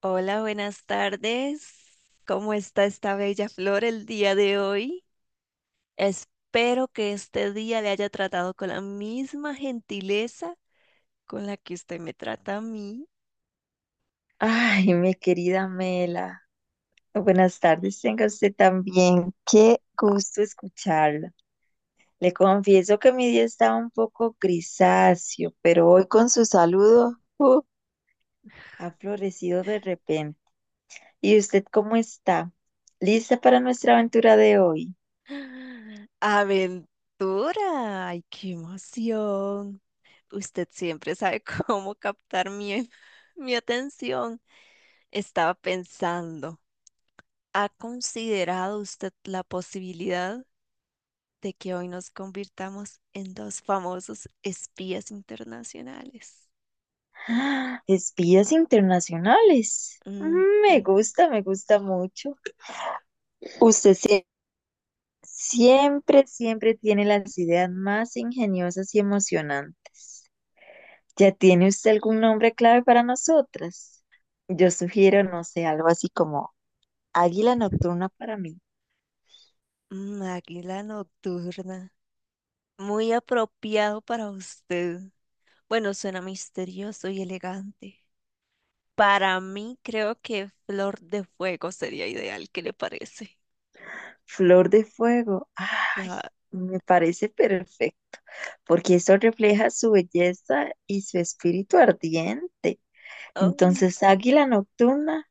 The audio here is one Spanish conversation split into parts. Hola, buenas tardes. ¿Cómo está esta bella flor el día de hoy? Espero que este día le haya tratado con la misma gentileza con la que usted me trata a mí. Ay, mi querida Mela, buenas tardes, tenga usted también. Qué gusto escucharla. Le confieso que mi día estaba un poco grisáceo, pero hoy con su saludo, ha florecido de repente. ¿Y usted cómo está? ¿Lista para nuestra aventura de hoy? ¡Aventura! ¡Ay, qué emoción! Usted siempre sabe cómo captar mi atención. Estaba pensando. ¿Ha considerado usted la posibilidad de que hoy nos convirtamos en dos famosos espías internacionales? ¡Ah! Espías internacionales. Mm, Mm, me mm, gusta, me gusta mucho. Usted siempre, siempre tiene las ideas más ingeniosas y emocionantes. ¿Ya tiene usted algún nombre clave para nosotras? Yo sugiero, no sé, algo así como Águila Nocturna para mí, águila nocturna. Muy apropiado para usted. Bueno, suena misterioso y elegante. Para mí, creo que Flor de Fuego sería ideal. ¿Qué le parece? Flor de Fuego. Ay, Ah, me parece perfecto, porque eso refleja su belleza y su espíritu ardiente. ay, Entonces, Águila Nocturna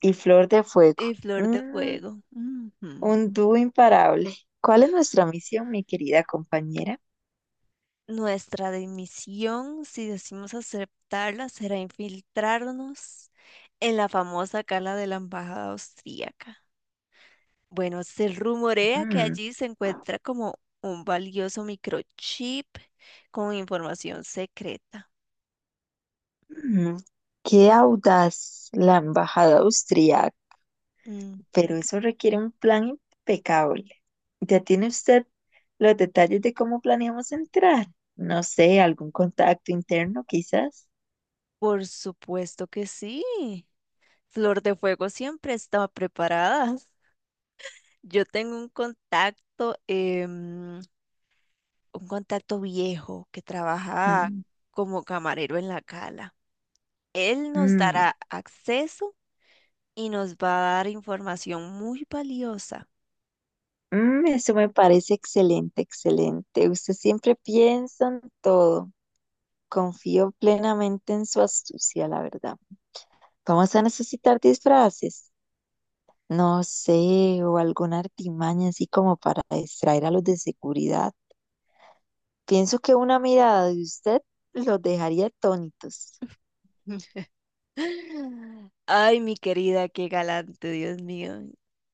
y Flor de Fuego. y Flor de Mm, Fuego. Ujú. un dúo imparable. ¿Cuál es nuestra misión, mi querida compañera? Nuestra dimisión, si decimos aceptarla, será infiltrarnos en la famosa cala de la embajada austríaca. Bueno, se rumorea que Mm, allí se encuentra como un valioso microchip con información secreta. mm, qué audaz la embajada austriaca. Ujú. Pero eso requiere un plan impecable. ¿Ya tiene usted los detalles de cómo planeamos entrar? No sé, algún contacto interno quizás. Por supuesto que sí. Flor de Fuego siempre está preparada. Yo tengo un un contacto viejo que trabaja Mm, como camarero en la cala. Él nos mm, dará acceso y nos va a dar información muy valiosa. mm, eso me parece excelente, excelente. Usted siempre piensa en todo. Confío plenamente en su astucia, la verdad. Vamos a necesitar disfraces. No sé, o alguna artimaña así como para distraer a los de seguridad. Pienso que una mirada de usted los dejaría atónitos. Ay, mi querida, qué galante, Dios mío.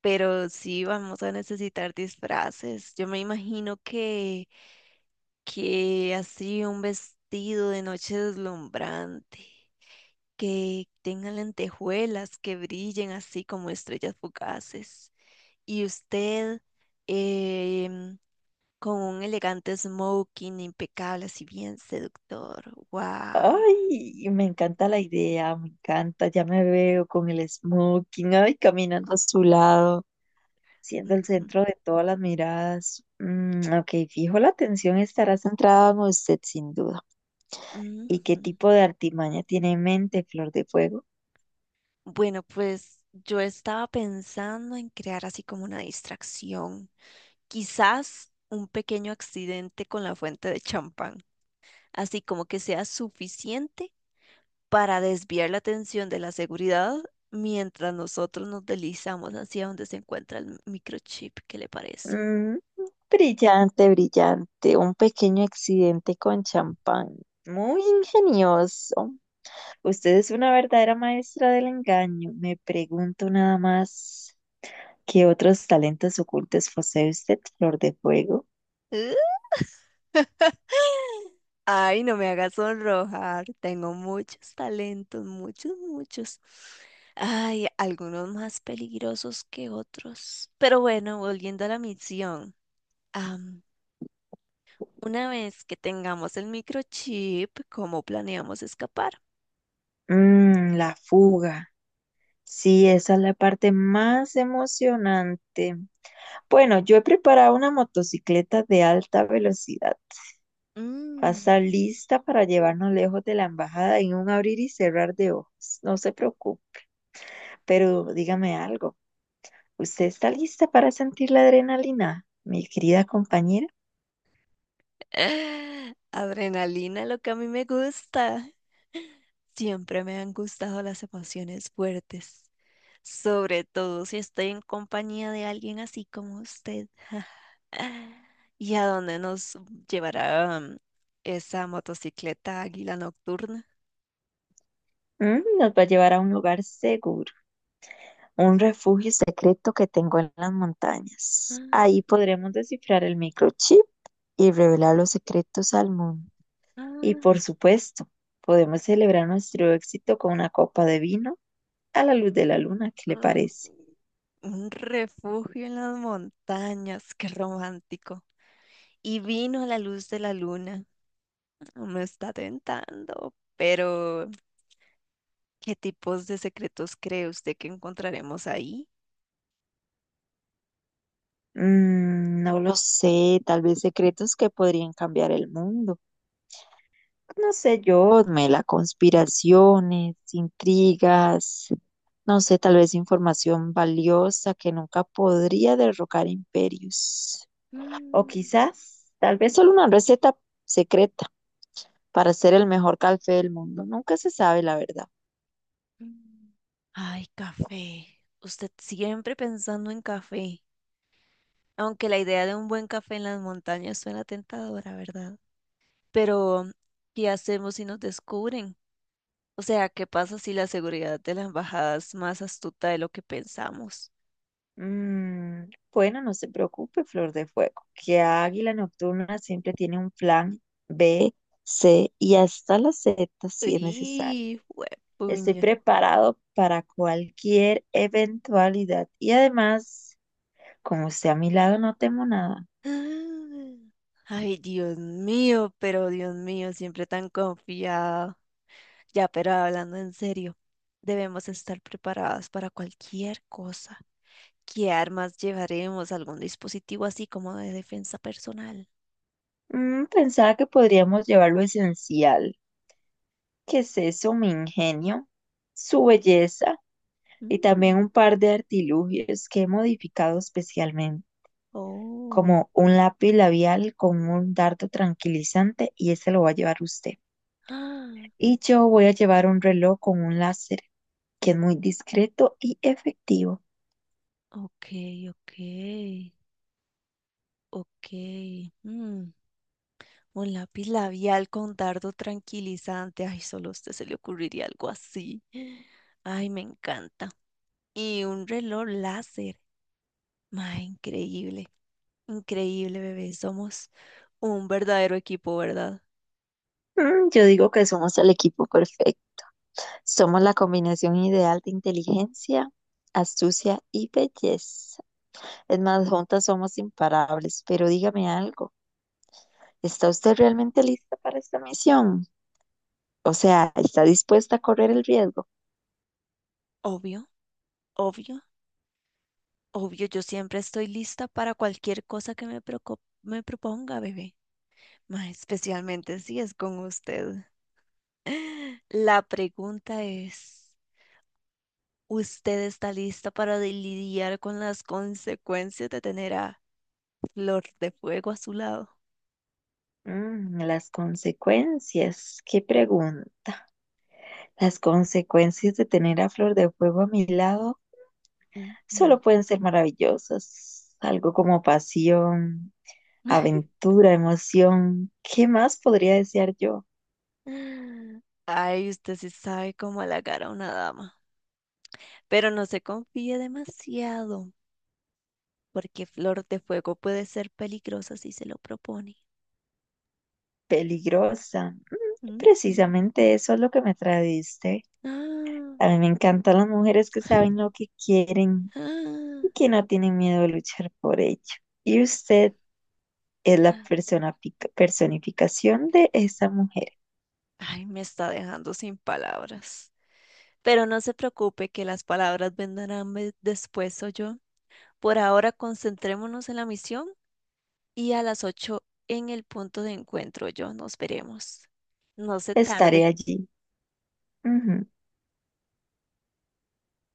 Pero sí vamos a necesitar disfraces. Yo me imagino que así un vestido de noche deslumbrante, que tenga lentejuelas que brillen así como estrellas fugaces. Y usted, em, con un elegante smoking impecable, así bien seductor. Wow. Ay, me encanta la idea, me encanta. Ya me veo con el smoking, ay, caminando a su lado, siendo el centro de todas las miradas. Mm, ok, fijo, la atención estará centrada en usted sin duda. ¿Y qué tipo de artimaña tiene en mente, Flor de Fuego? Bueno, pues yo estaba pensando en crear así como una distracción, quizás un pequeño accidente con la fuente de champán, así como que sea suficiente para desviar la atención de la seguridad mientras nosotros nos deslizamos hacia donde se encuentra el microchip. ¿Qué le parece? Mm, brillante, brillante. Un pequeño accidente con champán. Muy ingenioso. Usted es una verdadera maestra del engaño. Me pregunto nada más, ¿qué otros talentos ocultos posee usted, Flor de Fuego? Ay, no me hagas sonrojar. Tengo muchos talentos, muchos, muchos. Ay, algunos más peligrosos que otros. Pero bueno, volviendo a la misión. Am, una vez que tengamos el microchip, ¿cómo planeamos escapar? Mm, la fuga. Sí, esa es la parte más emocionante. Bueno, yo he preparado una motocicleta de alta velocidad. Pasa Mm, lista para llevarnos lejos de la embajada en un abrir y cerrar de ojos. No se preocupe, pero dígame algo. ¿Usted está lista para sentir la adrenalina, mi querida compañera? Adrenalina, lo que a mí me gusta. Siempre me han gustado las emociones fuertes, sobre todo si estoy en compañía de alguien así como usted. ¿Y a dónde nos llevará esa motocicleta águila nocturna? Mm, nos va a llevar a un lugar seguro, un refugio secreto que tengo en las montañas. Ahí podremos descifrar el microchip y revelar los secretos al mundo. Ah, Y por ah, supuesto, podemos celebrar nuestro éxito con una copa de vino a la luz de la luna. ¿Qué le ah, parece? un refugio en las montañas, qué romántico. Y vino a la luz de la luna. No me está tentando, pero ¿qué tipos de secretos cree usted que encontraremos ahí? Mm, no lo sé, tal vez secretos que podrían cambiar el mundo. No sé yo, Mela, conspiraciones, intrigas, no sé, tal vez información valiosa que nunca podría derrocar imperios. O Mm. quizás, tal vez solo una receta secreta para hacer el mejor café del mundo. Nunca se sabe la verdad. Mm. Ay, café. Usted siempre pensando en café. Aunque la idea de un buen café en las montañas suena tentadora, ¿verdad? Pero, ¿qué hacemos si nos descubren? O sea, ¿qué pasa si la seguridad de la embajada es más astuta de lo que pensamos? Mm, bueno, no se preocupe, Flor de Fuego, que Águila Nocturna siempre tiene un plan B, C y hasta la Z si es necesario. ¡Uy, Estoy puña! preparado para cualquier eventualidad y además, como esté a mi lado, no temo nada. Ay, Dios mío, pero Dios mío, siempre tan confiado. Ya, pero hablando en serio, debemos estar preparadas para cualquier cosa. ¿Qué armas llevaremos? ¿Algún dispositivo así como de defensa personal? Mm, pensaba que podríamos llevar lo esencial, que es eso, mi ingenio, su belleza y Mm, también un par de artilugios que he modificado especialmente. oh. Como un lápiz labial con un dardo tranquilizante y ese lo va a llevar usted. Ah, Y yo voy a llevar un reloj con un láser que es muy discreto y efectivo. ok, ok, ok. mm, un lápiz labial con dardo tranquilizante. Ay, solo a usted se le ocurriría algo así. Ay, me encanta. Y un reloj láser. Ma, increíble, increíble, bebé. Somos un verdadero equipo, ¿verdad? Mm, yo digo que somos el equipo perfecto. Somos la combinación ideal de inteligencia, astucia y belleza. Es más, juntas somos imparables. Pero dígame algo, ¿está usted realmente lista para esta misión? O sea, ¿está dispuesta a correr el riesgo? Obvio, obvio. Obvio, yo siempre estoy lista para cualquier cosa que me proponga, bebé. Ma, especialmente si es con usted. La pregunta es, ¿usted está lista para lidiar con las consecuencias de tener a Flor de Fuego a su lado? Mm, las consecuencias, qué pregunta. Las consecuencias de tener a Flor de Fuego a mi lado Ujú. solo pueden ser maravillosas. Algo como pasión, aventura, emoción. ¿Qué más podría desear yo? Ay, usted sí sabe cómo halagar a una dama, pero no se confíe demasiado, porque Flor de Fuego puede ser peligrosa si se lo propone. Peligrosa. Ujú. Precisamente eso es lo que me tradiste. Ah. A mí me encantan las mujeres que saben lo que quieren y Ah, que no tienen miedo de luchar por ello. Y usted es la personificación de esa mujer. ay, me está dejando sin palabras. Pero no se preocupe que las palabras vendrán después, o yo. Por ahora concentrémonos en la misión y a las 8 en el punto de encuentro, yo. Nos veremos. No se Estaré tarde. allí. Ujú.